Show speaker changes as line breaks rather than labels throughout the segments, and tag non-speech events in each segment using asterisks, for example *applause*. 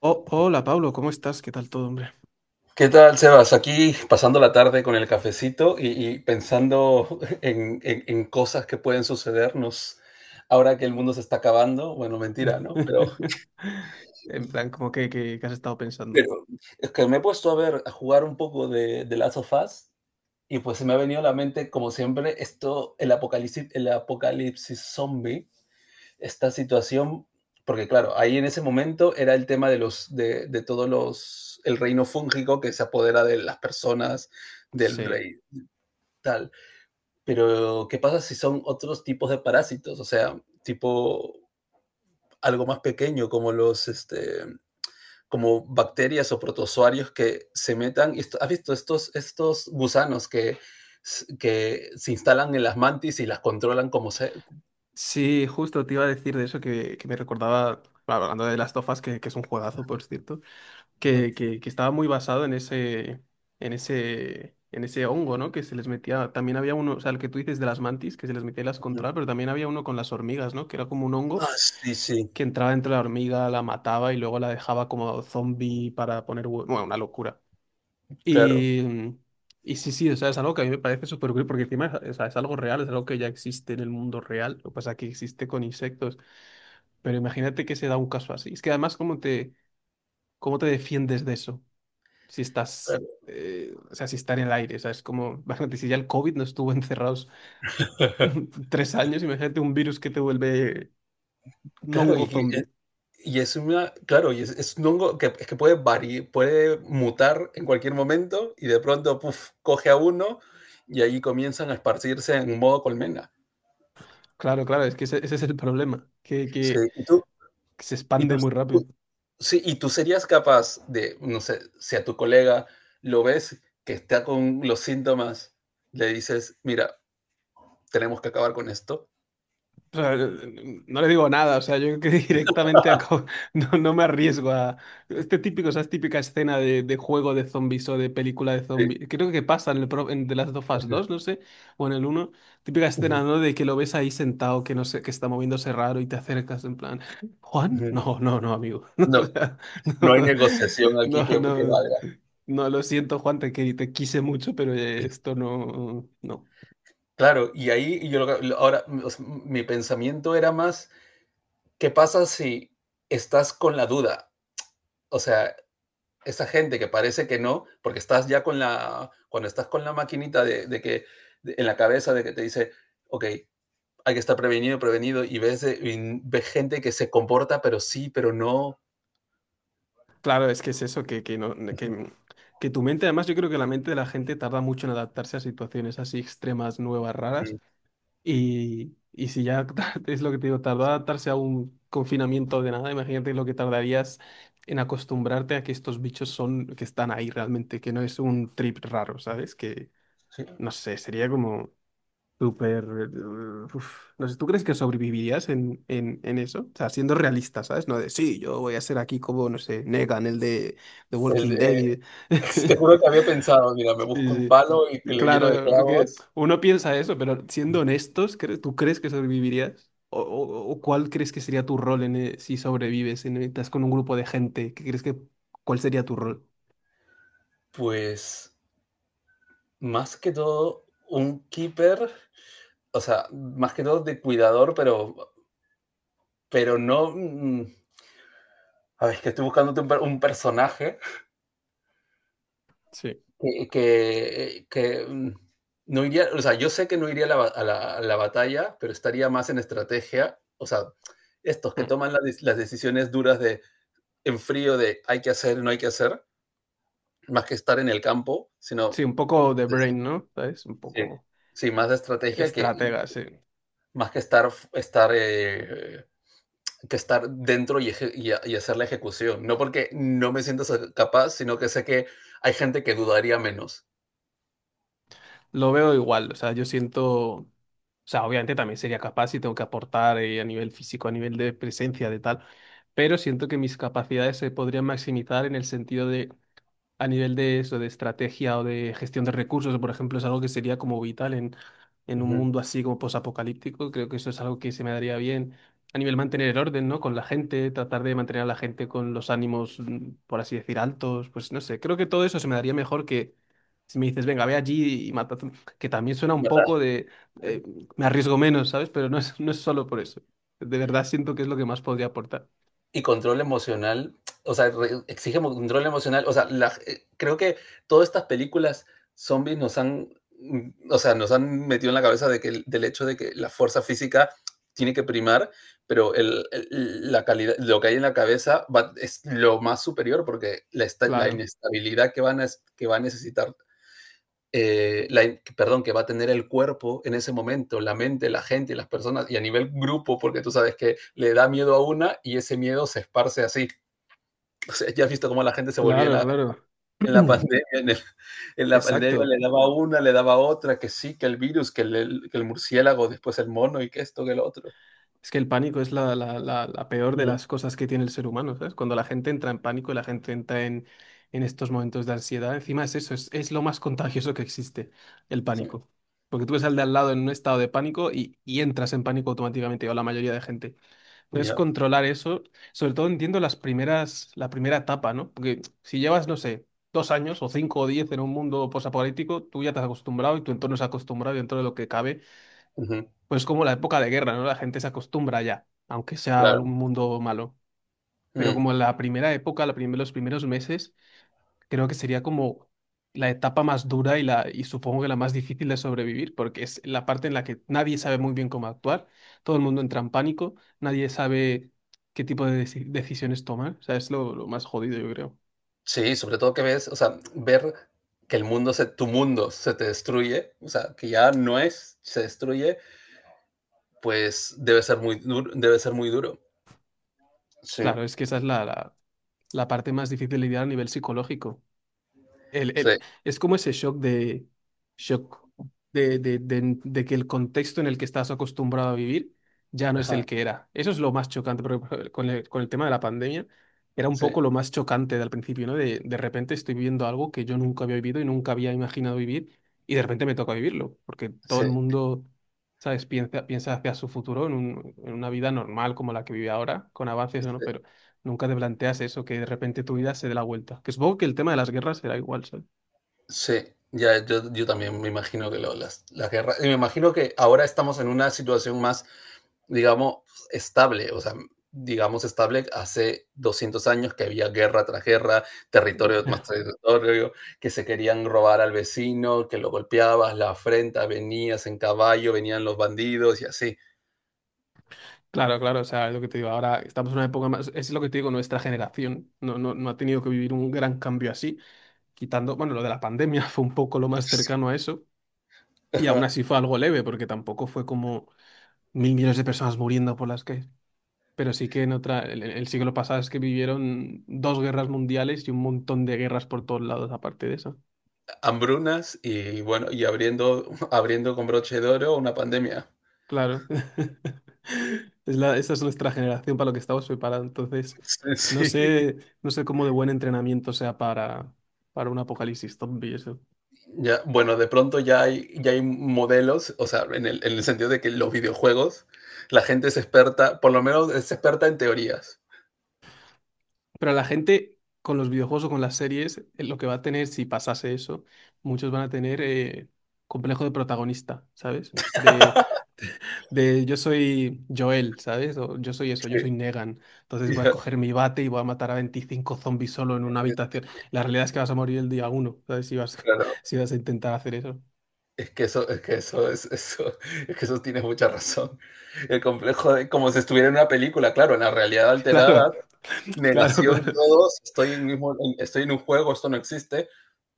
Oh, hola Pablo, ¿cómo estás? ¿Qué tal todo, hombre?
¿Qué tal, Sebas? Aquí pasando la tarde con el cafecito y pensando en cosas que pueden sucedernos ahora que el mundo se está acabando. Bueno, mentira, ¿no? Pero,
*laughs* En plan, como que has estado pensando.
pero es que me he puesto a ver, a jugar un poco de Last of Us, y pues se me ha venido a la mente, como siempre, esto, el apocalipsis zombie, esta situación. Porque claro, ahí en ese momento era el tema de el reino fúngico que se apodera de las personas, del
Sí.
rey tal. Pero, ¿qué pasa si son otros tipos de parásitos? O sea, tipo algo más pequeño, como los, este, como bacterias o protozoarios que se metan. ¿Has visto estos gusanos que se instalan en las mantis y las controlan como se.
Sí, justo te iba a decir de eso que me recordaba, claro, hablando de las tofas, que es un juegazo, por cierto, que estaba muy basado en ese, en ese hongo, ¿no? Que se les metía. También había uno, o sea, el que tú dices de las mantis, que se les metía y las controlaba, pero también había uno con las hormigas, ¿no? Que era como un hongo
Ah, sí, sí,
que entraba dentro de la hormiga, la mataba y luego la dejaba como zombie para poner. Bueno, una locura.
claro.
Y, mm, y o sea, es algo que a mí me parece súper cool porque encima es, o sea, es algo real, es algo que ya existe en el mundo real, lo que pasa es que existe con insectos, pero imagínate que se da un caso así. Es que además, ¿cómo te defiendes de eso? Si estás,
Claro,
o sea, si está en el aire, o sea, es como, imagínate, si ya el COVID no estuvo encerrados
*laughs*
*laughs* tres años, imagínate un virus que te vuelve no un
claro,
hongo
y que
zombie.
Y es una, claro, y es un hongo que es que puede variar, puede mutar en cualquier momento y de pronto, puf, coge a uno y ahí comienzan a esparcirse en modo colmena.
Claro, es que ese es el problema, que,
Sí,
que se
y tú,
expande muy rápido.
tú- sí, y tú serías capaz de, no sé, si a tu colega lo ves que está con los síntomas, le dices, mira, tenemos que acabar con esto.
O sea, no le digo nada, o sea, yo creo que *laughs* no, no me arriesgo a este típico, esa típica escena de juego de zombies o de película de
Sí,
zombies. Creo que pasa en, en The Last of Us
ujú,
2, no sé, o en el uno. Típica
ujú,
escena, ¿no? De que lo ves ahí sentado, que no sé, que está moviéndose raro y te acercas en plan, ¿Juan?
ujú.
No, amigo. *laughs* O
No,
sea, no,
no hay negociación aquí que,
no, no,
que
no,
valga.
no, lo siento, Juan, te quise mucho, pero esto no, no.
Claro, y ahí yo ahora, o sea, mi pensamiento era más, ¿qué pasa si estás con la duda? O sea, esa gente que parece que no, porque estás ya cuando estás con la maquinita en la cabeza de que te dice, ok, hay que estar prevenido, prevenido, y ves gente que se comporta, pero sí, pero no.
Claro, es que es eso, no, que tu mente, además yo creo que la mente de la gente tarda mucho en adaptarse a situaciones así extremas, nuevas, raras,
Ujú,
y si ya *laughs* es lo que te digo, tardó adaptarse a un confinamiento de nada, imagínate lo que tardarías en acostumbrarte a que estos bichos son, que están ahí realmente, que no es un trip raro, ¿sabes? Que,
sí.
no sé, sería como... Súper. No sé, ¿tú crees que sobrevivirías en, en eso? O sea, siendo realista, ¿sabes? No de sí, yo voy a ser aquí como, no sé, Negan, el de The
El
Walking Dead.
de- *laughs* Te juro que
*laughs*
había pensado, mira, me busco un
Sí,
palo y que
sí.
le lleno de
Claro, porque
clavos.
uno piensa eso, pero siendo
Ujú.
honestos, ¿tú crees que sobrevivirías? ¿O, o cuál crees que sería tu rol en, si sobrevives, en, estás con un grupo de gente? ¿Qué crees que, cuál sería tu rol?
Pues más que todo, un keeper. O sea, más que todo de cuidador. Pero, pero no. A ver, es que estoy buscándote un personaje
Sí.
que no iría. O sea, yo sé que no iría a la batalla, pero estaría más en estrategia. O sea, estos que
Mm.
toman las decisiones duras de en frío, de hay que hacer, no hay que hacer, más que estar en el campo, sino
Sí, un poco de
de-
brain, ¿no? ¿Sabes? Un
sí,
poco
sí, más de estrategia que
estratega, sí.
más que estar, estar, que estar dentro y y hacer la ejecución. No porque no me siento capaz, sino que sé que hay gente que dudaría menos.
Lo veo igual, o sea, yo siento, o sea, obviamente también sería capaz y tengo que aportar a nivel físico, a nivel de presencia, de tal, pero siento que mis capacidades se podrían maximizar en el sentido de a nivel de eso, de estrategia o de gestión de recursos, por ejemplo, es algo que sería como vital en un
Ujú.
mundo así como posapocalíptico. Creo que eso es algo que se me daría bien a nivel mantener el orden, ¿no? Con la gente, tratar de mantener a la gente con los ánimos, mm, por así decir, altos. Pues no sé, creo que todo eso se me daría mejor que si me dices, venga, ve allí y mata, que también suena un
¿Verdad?
poco de, eh,
Sí.
me arriesgo menos, ¿sabes? Pero no es, no es solo por eso. De verdad siento que es lo que más podría aportar.
Y control emocional. O sea, exige control emocional. O sea, la creo que todas estas películas zombies nos han, nos han metido en la cabeza de que del hecho de que la fuerza física tiene que primar, pero la calidad, lo que hay en la cabeza es lo más superior, porque la
Claro,
inestabilidad que va a necesitar eh, la, perdón, que va a tener el cuerpo en ese momento, la mente, la gente, las personas, y a nivel grupo, porque tú sabes que le da miedo a una y ese miedo se esparce así. *laughs* O sea, ya has visto cómo la gente se volvía
claro, claro.
en la
*clears throat*
pandemia, en, el, en, la pandemia.
Exacto.
Le daba una, le daba otra, que sí, que el virus, que el murciélago, después el mono, y que esto, que el otro.
Es que el pánico es la, la peor de
Mm,
las cosas que tiene el ser humano, ¿sabes? Cuando la gente entra en pánico y la gente entra en estos momentos de ansiedad, encima es eso, es lo más contagioso que existe, el
sí,
pánico. Porque tú ves al de al lado en un estado de pánico y entras en pánico automáticamente, o la mayoría de gente. Entonces,
yeah.
controlar eso, sobre todo entiendo las primeras, la primera etapa, ¿no? Porque si llevas, no sé, 2 años o cinco o diez en un mundo posapocalíptico, tú ya te has acostumbrado y tu entorno se ha acostumbrado y dentro de lo que cabe
Uh -huh,
pues como la época de guerra, ¿no? La gente se acostumbra ya, aunque sea algún
claro.
mundo malo. Pero
Mm,
como la primera época, los primeros meses, creo que sería como la etapa más dura y, y supongo que la más difícil de sobrevivir, porque es la parte en la que nadie sabe muy bien cómo actuar, todo el mundo entra en pánico, nadie sabe qué tipo de decisiones tomar. O sea, es lo más jodido, yo creo.
sí, sobre todo que ves, o sea, ver que el mundo, tu mundo se te destruye, o sea, que ya no es, se destruye, pues debe ser muy duro, debe ser muy duro.
Claro,
Sí.
es que esa es la, la, la parte más difícil de lidiar a nivel psicológico. el-
Sí,
el- es como ese shock de, shock de que el contexto en el que estás acostumbrado a vivir ya no es el
ajá,
que era. Eso es lo más chocante, porque por ejemplo, con el tema de la pandemia era un
sí,
poco lo más chocante del principio, ¿no? De repente estoy viviendo algo que yo nunca había vivido y nunca había imaginado vivir y de repente me toca vivirlo, porque todo
sí,
el mundo, ¿sabes? Piensa, piensa hacia su futuro en, en una vida normal como la que vive ahora, con avances o no,
sí,
pero nunca te planteas eso, que de repente tu vida se dé la vuelta. Que supongo que el tema de las guerras será igual, ¿sabes?
sí. Ya, yo también me imagino las guerras, y me imagino que ahora estamos en una situación más, digamos, estable. O sea, digamos estable, hace 200 años que había guerra tras guerra, territorio tras
*laughs*
territorio, que se querían robar al vecino, que lo golpeabas, la afrenta, venías en caballo, venían los bandidos y así.
Claro, claro, o sea, es lo que te digo. Ahora estamos en una época más, es lo que te digo, nuestra generación no ha tenido que vivir un gran cambio así, quitando, bueno, lo de la pandemia *laughs* fue un poco lo más cercano a eso, y aún
Ajá.
así fue algo leve, porque tampoco fue como mil millones de personas muriendo por las calles. Pero sí que en otra, el siglo pasado es que vivieron 2 guerras mundiales y un montón de guerras por todos lados, aparte de eso.
Hambrunas y, bueno, y abriendo, *laughs* abriendo con broche de oro una pandemia.
Claro. *laughs* Es la, esa es nuestra generación para lo que estamos preparados. Entonces,
Sí, sí.
no sé cómo de buen entrenamiento sea para un apocalipsis zombie eso.
Ya, bueno, de pronto ya hay, modelos, o sea, en el sentido de que los videojuegos, la gente es experta, por lo menos es experta en teorías.
Pero la gente con los videojuegos o con las series, lo que va a tener si pasase eso, muchos van a tener complejo de protagonista, ¿sabes? De yo soy Joel, ¿sabes? O yo soy eso, yo
Sí, *laughs*
soy Negan. Entonces
y
voy a
ya,
coger mi bate y voy a matar a 25 zombies solo en una
eh,
habitación. La realidad es que vas a morir el día uno, ¿sabes? Si vas,
claro,
*laughs* si vas a intentar hacer eso.
es que eso, es que eso, tienes mucha razón. El complejo de como si estuviera en una película, claro, en la realidad
*laughs* Claro,
alterada,
claro,
negación
claro,
todos, estoy en un juego, esto no existe.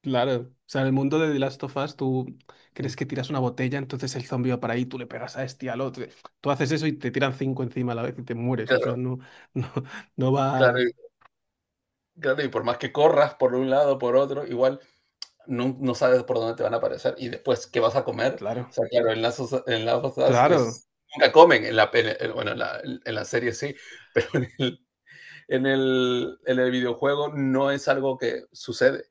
claro. O sea, en el mundo de The Last of Us, tú crees que tiras una botella, entonces el zombie va para ahí, tú le pegas a este y al otro. Tú haces eso y te tiran cinco encima a la vez y te mueres. O sea,
Claro,
no, *laughs* no, no
claro,
va.
claro, y por más que corras por un lado, por otro, igual no sabes por dónde te van a aparecer y después qué vas a comer. O
Claro,
sea, claro, en las cosas
claro.
es, nunca comen, en la, bueno, en la serie sí, *laughs* pero en el videojuego no es algo que sucede.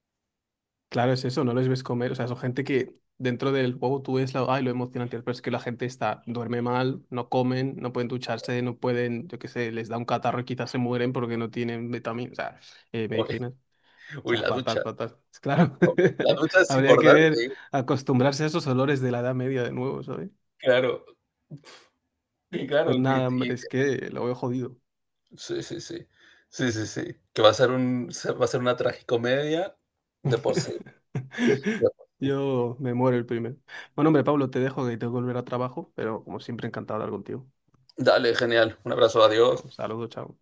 Claro, es eso, no les ves comer. O sea, son gente que dentro del juego tú ves la, ay, lo emocionante, pero es que la gente está, duerme mal, no comen, no pueden ducharse, no pueden, yo qué sé, les da un catarro y quizás se mueren porque no tienen vitaminas, o sea,
Uy,
medicinas. O
uy,
sea,
la
fatal,
ducha.
fatal. Es claro,
Ok, la ducha
*laughs*
es
habría que ver,
importante, ¿eh?
acostumbrarse a esos olores de la Edad Media de nuevo, ¿sabes?
Claro. Y
Pues
claro,
nada, hombre, es que lo veo jodido.
sí, sí, sí. Sí, sí, sí. Que va a ser una tragicomedia de por sí. De
*laughs*
por sí.
Yo me muero el primero. Bueno, hombre, Pablo, te dejo que tengo que volver a trabajo, pero como siempre, encantado de hablar contigo.
Dale, genial. Un abrazo, adiós.
Un saludo, chao.